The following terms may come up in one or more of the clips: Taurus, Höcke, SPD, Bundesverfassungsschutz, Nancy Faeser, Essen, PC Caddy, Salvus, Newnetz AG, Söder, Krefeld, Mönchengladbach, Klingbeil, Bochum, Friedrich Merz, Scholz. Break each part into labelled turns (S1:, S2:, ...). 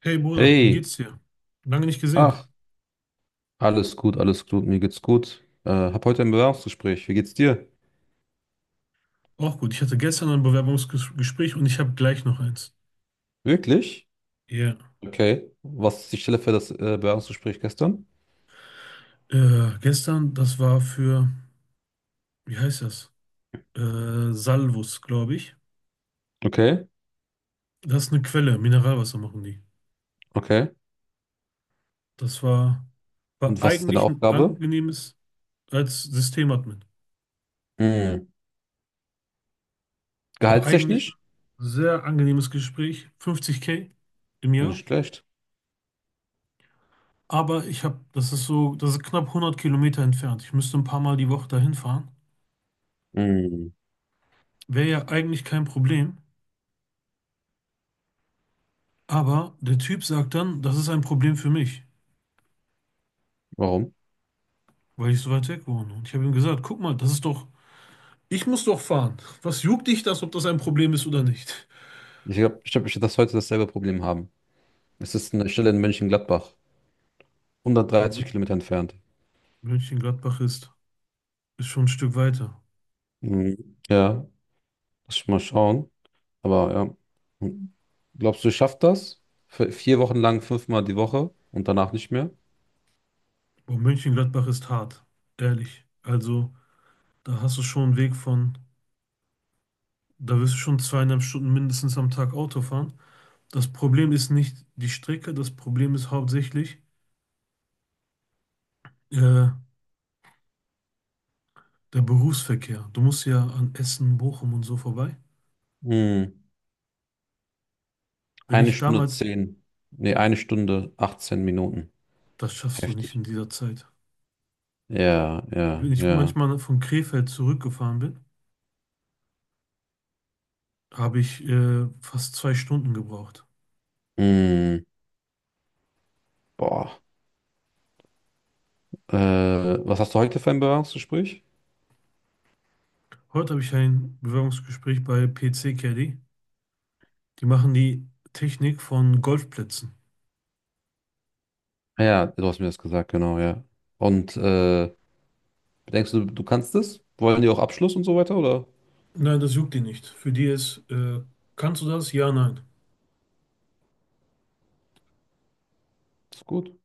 S1: Hey Bruder, wie
S2: Hey,
S1: geht's dir? Lange nicht gesehen.
S2: ach, alles gut, mir geht's gut. Hab heute ein Bewerbungsgespräch. Wie geht's dir?
S1: Auch gut. Ich hatte gestern ein Bewerbungsgespräch und ich habe gleich noch eins.
S2: Wirklich?
S1: Ja.
S2: Okay. Was ist die Stelle für das Bewerbungsgespräch gestern?
S1: Gestern, das war für, wie heißt das? Salvus, glaube ich.
S2: Okay,
S1: Das ist eine Quelle, Mineralwasser machen die.
S2: okay.
S1: Das war, war
S2: Und was ist deine
S1: eigentlich ein
S2: Aufgabe?
S1: angenehmes, als Systemadmin,
S2: Hm.
S1: war eigentlich ein
S2: Gehaltstechnisch?
S1: sehr angenehmes Gespräch. 50K im Jahr.
S2: Nicht schlecht.
S1: Aber ich habe, das ist so, das ist knapp 100 Kilometer entfernt. Ich müsste ein paar Mal die Woche dahin fahren.
S2: Hm.
S1: Wäre ja eigentlich kein Problem, aber der Typ sagt dann, das ist ein Problem für mich,
S2: Warum?
S1: weil ich so weit weg wohne. Und ich habe ihm gesagt, guck mal, das ist doch, ich muss doch fahren. Was juckt dich das, ob das ein Problem ist oder nicht?
S2: Ich glaub, ich werd das heute dasselbe Problem haben. Es ist eine Stelle in Mönchengladbach,
S1: So,
S2: 130 Kilometer entfernt.
S1: Mönchengladbach ist, ist schon ein Stück weiter.
S2: Hm. Ja, lass mich mal schauen. Aber ja. Glaubst du, schafft das? Für vier Wochen lang fünfmal die Woche und danach nicht mehr?
S1: Aber Mönchengladbach ist hart, ehrlich. Also, da hast du schon einen Weg von, da wirst du schon 2,5 Stunden mindestens am Tag Auto fahren. Das Problem ist nicht die Strecke, das Problem ist hauptsächlich, äh, der Berufsverkehr. Du musst ja an Essen, Bochum und so vorbei.
S2: Hm.
S1: Wenn
S2: Eine
S1: ich
S2: Stunde
S1: damals,
S2: zehn. Nee, eine Stunde 18 Minuten.
S1: das schaffst du nicht in
S2: Heftig.
S1: dieser Zeit.
S2: Ja, ja,
S1: Wenn ich
S2: ja.
S1: manchmal von Krefeld zurückgefahren bin, habe ich fast 2 Stunden gebraucht.
S2: Hm. Boah. Was hast du heute für ein Bewerbungsgespräch?
S1: Heute habe ich ein Bewerbungsgespräch bei PC Caddy. Die machen die Technik von Golfplätzen.
S2: Ja, du hast mir das gesagt, genau, ja. Und denkst du, du kannst das? Wollen die auch Abschluss und so weiter, oder?
S1: Nein, das juckt die nicht. Für die ist: kannst du das? Ja, nein.
S2: Ist gut.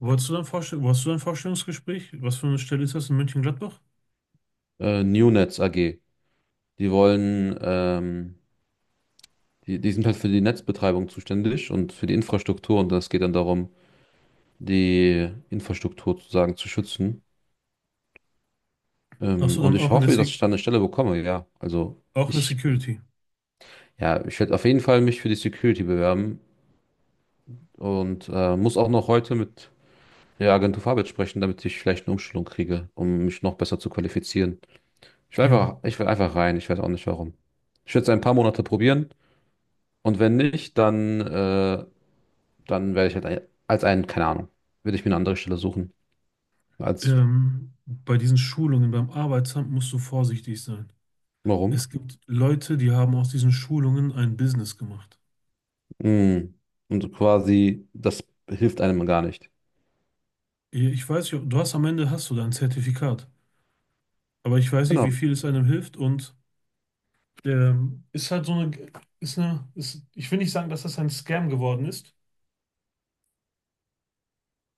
S1: Wolltest du dann Vorstellungsgespräch? Was für eine Stelle ist das in München-Gladbach?
S2: Newnetz AG. Die wollen die sind halt für die Netzbetreibung zuständig und für die Infrastruktur, und es geht dann darum, die Infrastruktur sozusagen zu schützen.
S1: Ach
S2: Ähm,
S1: so,
S2: und
S1: dann
S2: ich
S1: auch in der,
S2: hoffe, dass
S1: Se
S2: ich da eine Stelle bekomme, ja.
S1: auch in der Security.
S2: Ja, ich werde auf jeden Fall mich für die Security bewerben und muss auch noch heute mit der Agentur für Arbeit sprechen, damit ich vielleicht eine Umschulung kriege, um mich noch besser zu qualifizieren.
S1: Ja.
S2: Ich will einfach rein, ich weiß auch nicht warum. Ich werde es ein paar Monate probieren, und wenn nicht, dann, dann werde ich halt ein, als ein, keine Ahnung, würde ich mir eine andere Stelle suchen. Als,
S1: Bei diesen Schulungen beim Arbeitsamt musst du vorsichtig sein.
S2: warum?
S1: Es gibt Leute, die haben aus diesen Schulungen ein Business gemacht.
S2: Mm. Und quasi, das hilft einem gar nicht.
S1: Ich weiß nicht, ob- du hast am Ende hast du dein Zertifikat, aber ich weiß nicht, wie
S2: Genau.
S1: viel es einem hilft ist halt so ist eine, ich will nicht sagen, dass das ein Scam geworden ist,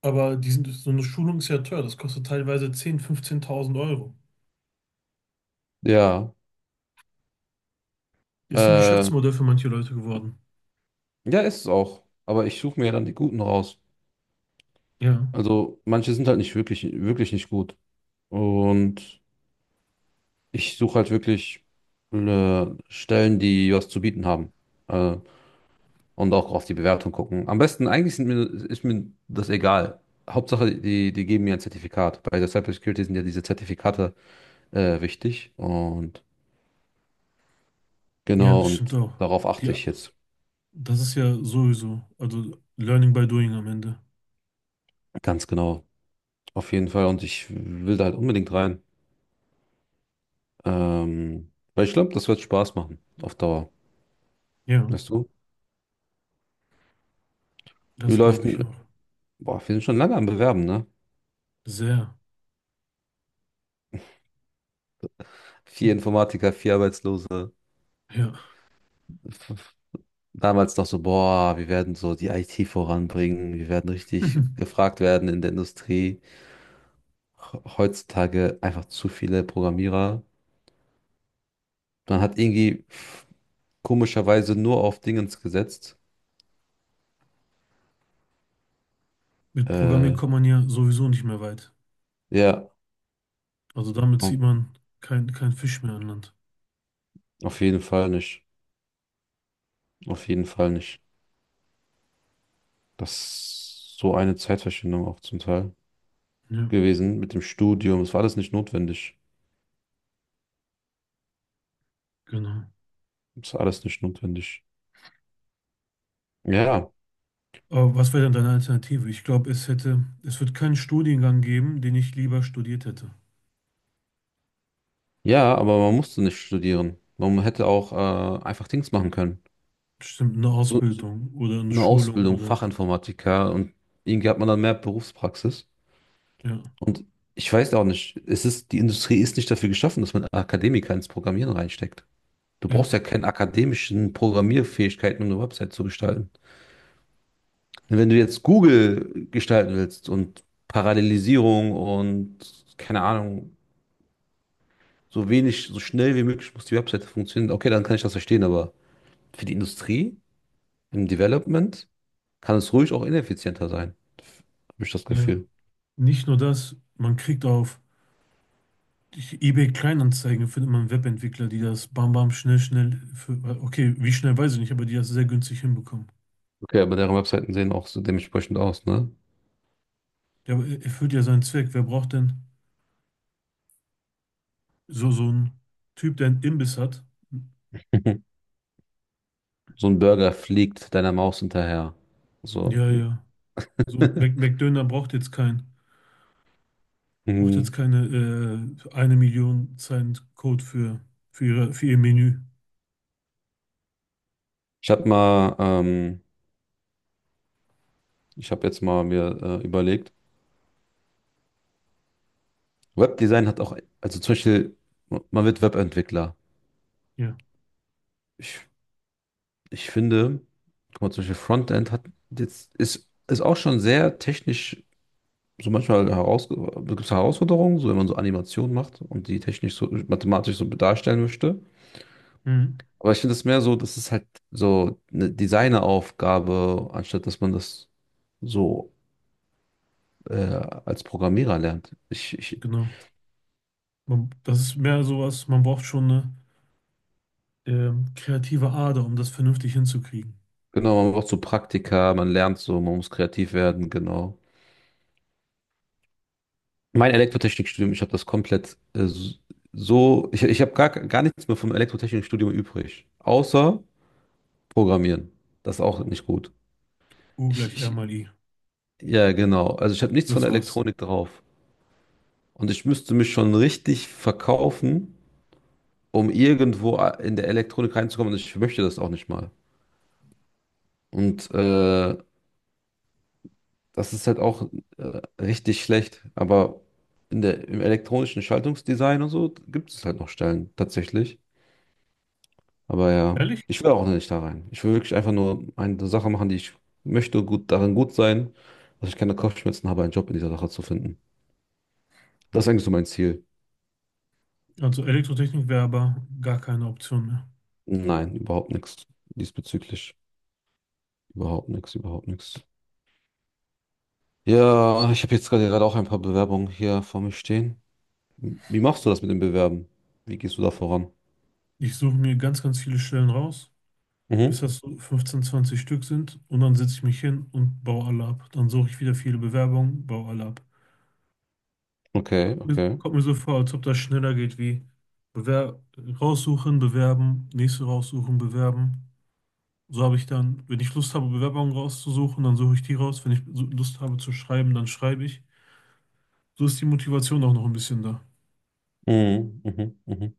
S1: aber die sind, so eine Schulung ist ja teuer. Das kostet teilweise 10.000, 15.000 Euro.
S2: Ja.
S1: Ist ein
S2: Äh,
S1: Geschäftsmodell für manche Leute geworden.
S2: ja, ist es auch. Aber ich suche mir ja dann die Guten raus.
S1: Ja,
S2: Also, manche sind halt nicht wirklich, wirklich nicht gut. Und ich suche halt wirklich Stellen, die was zu bieten haben. Äh, und auch auf die Bewertung gucken. Am besten, ist mir das egal. Hauptsache, die geben mir ein Zertifikat. Bei der Cybersecurity sind ja diese Zertifikate wichtig. Und
S1: ja,
S2: Genau,
S1: das stimmt
S2: und
S1: auch.
S2: darauf
S1: Die
S2: achte ich jetzt
S1: Das ist ja sowieso, also Learning by Doing am Ende.
S2: ganz genau. Auf jeden Fall. Und ich will da halt unbedingt rein. Weil ich glaube, das wird Spaß machen. Auf Dauer.
S1: Ja,
S2: Weißt du? Wie
S1: das
S2: läuft
S1: glaube ich
S2: denn.
S1: auch.
S2: Boah, wir sind schon lange am Bewerben, ne?
S1: Sehr,
S2: Vier Informatiker, vier Arbeitslose.
S1: ja.
S2: Damals noch so, boah, wir werden so die IT voranbringen. Wir werden richtig gefragt werden in der Industrie. Heutzutage einfach zu viele Programmierer. Man hat irgendwie komischerweise nur auf Dingens gesetzt.
S1: Mit Programmieren
S2: Äh,
S1: kommt man ja sowieso nicht mehr weit.
S2: ja.
S1: Also damit zieht man kein Fisch mehr an Land.
S2: Auf jeden Fall nicht. Auf jeden Fall nicht. Das ist so eine Zeitverschwendung auch zum Teil
S1: Ja,
S2: gewesen mit dem Studium. Es war alles nicht notwendig.
S1: genau.
S2: Es war alles nicht notwendig. Ja,
S1: Aber was wäre denn deine Alternative? Ich glaube, es wird keinen Studiengang geben, den ich lieber studiert hätte.
S2: ja, aber man musste nicht studieren. Man hätte auch einfach Dings machen können.
S1: Stimmt, eine
S2: So
S1: Ausbildung oder eine
S2: eine
S1: Schulung
S2: Ausbildung,
S1: oder
S2: Fachinformatiker, und irgendwie hat man dann mehr Berufspraxis.
S1: ja,
S2: Und ich weiß auch nicht, die Industrie ist nicht dafür geschaffen, dass man Akademiker ins Programmieren reinsteckt. Du brauchst ja
S1: ja,
S2: keine akademischen Programmierfähigkeiten, um eine Website zu gestalten. Wenn du jetzt Google gestalten willst und Parallelisierung und keine Ahnung, so schnell wie möglich muss die Webseite funktionieren, okay, dann kann ich das verstehen, aber für die Industrie, im Development, kann es ruhig auch ineffizienter sein, habe ich das
S1: ja.
S2: Gefühl.
S1: Nicht nur das, man kriegt auf ich, eBay Kleinanzeigen findet man Webentwickler, die das bam bam schnell schnell für, okay, wie schnell weiß ich nicht, aber die das sehr günstig hinbekommen.
S2: Okay, aber deren Webseiten sehen auch so dementsprechend aus, ne?
S1: Erfüllt ja seinen Zweck. Wer braucht denn so einen Typ, der einen Imbiss hat?
S2: So ein Burger fliegt deiner Maus hinterher. So.
S1: Ja, ja. So ein Mac McDöner braucht jetzt
S2: Mhm.
S1: keine 1 Million Zeilen Code für ihr Menü.
S2: Ich habe mal, ähm, ich habe jetzt mal mir überlegt, Webdesign hat auch, also zum Beispiel, man wird Webentwickler.
S1: Ja,
S2: Ich, ich finde, guck mal, zum Beispiel Frontend hat ist auch schon sehr technisch, gibt es Herausforderungen, so wenn man so Animationen macht und die technisch so mathematisch so darstellen möchte.
S1: mhm.
S2: Aber ich finde es mehr so, das ist halt so eine Designeraufgabe, anstatt dass man das so äh, als Programmierer lernt.
S1: Genau. Das ist mehr sowas. Man braucht schon eine kreative Ader, um das vernünftig hinzukriegen.
S2: Genau, man braucht so Praktika, man lernt so, man muss kreativ werden, genau. Mein Elektrotechnikstudium, ich habe das komplett, ich habe gar nichts mehr vom Elektrotechnikstudium übrig, außer Programmieren. Das ist auch nicht gut.
S1: U
S2: Ich,
S1: gleich R
S2: ich,
S1: mal I.
S2: ja, genau. Also ich habe nichts von
S1: Das
S2: der
S1: war's.
S2: Elektronik drauf. Und ich müsste mich schon richtig verkaufen, um irgendwo in der Elektronik reinzukommen. Und ich möchte das auch nicht mal. Und das ist halt auch richtig schlecht. Aber im elektronischen Schaltungsdesign und so gibt es halt noch Stellen tatsächlich. Aber ja,
S1: Ehrlich?
S2: ich will auch nicht da rein. Ich will wirklich einfach nur eine Sache machen, die ich möchte, darin gut sein, dass ich keine Kopfschmerzen habe, einen Job in dieser Sache zu finden. Das ist eigentlich so mein Ziel.
S1: Also Elektrotechnik wäre aber gar keine Option mehr.
S2: Nein, überhaupt nichts diesbezüglich. Überhaupt nichts. Ja, ich habe jetzt gerade auch ein paar Bewerbungen hier vor mir stehen. Wie machst du das mit dem Bewerben? Wie gehst du da voran?
S1: Ich suche mir ganz viele Stellen raus, bis
S2: Mhm.
S1: das so 15, 20 Stück sind und dann setze ich mich hin und baue alle ab. Dann suche ich wieder viele Bewerbungen, baue alle ab.
S2: Okay, okay.
S1: Kommt mir so vor, als ob das schneller geht wie Bewer raussuchen, bewerben, nächste raussuchen, bewerben. So habe ich dann, wenn ich Lust habe, Bewerbungen rauszusuchen, dann suche ich die raus. Wenn ich so Lust habe zu schreiben, dann schreibe ich. So ist die Motivation auch noch ein bisschen da.
S2: Mhm, mhm, mhm.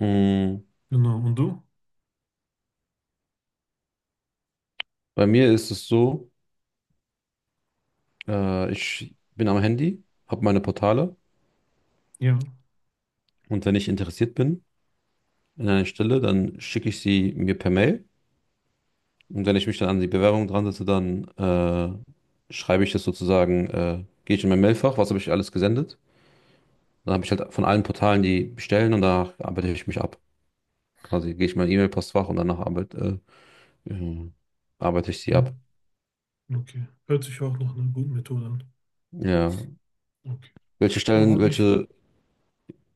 S2: Mhm.
S1: Genau. Und du?
S2: Bei mir ist es so, ich bin am Handy, habe meine Portale.
S1: Ja.
S2: Und wenn ich interessiert bin in einer Stelle, dann schicke ich sie mir per Mail. Und wenn ich mich dann an die Bewerbung dran setze, dann schreibe ich das sozusagen, gehe ich in mein Mailfach, was habe ich alles gesendet. Dann habe ich halt von allen Portalen die bestellen und danach arbeite ich mich ab. Quasi gehe ich in mein E-Mail-Postfach und danach äh, äh, arbeite ich sie
S1: Ja.
S2: ab.
S1: Okay. Hört sich auch nach einer guten Methode an.
S2: Ja.
S1: Okay.
S2: Welche
S1: Oh,
S2: Stellen,
S1: hat mich,
S2: welche.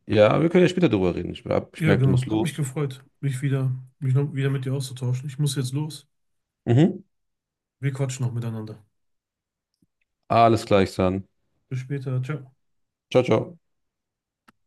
S2: Ja, wir können ja später drüber reden. Ich
S1: ja
S2: merke, du
S1: genau,
S2: musst
S1: hat mich
S2: los.
S1: gefreut, mich noch wieder mit dir auszutauschen. Ich muss jetzt los.
S2: Mhm.
S1: Wir quatschen noch miteinander.
S2: Alles gleich dann.
S1: Bis später. Ciao.
S2: Ciao, ciao.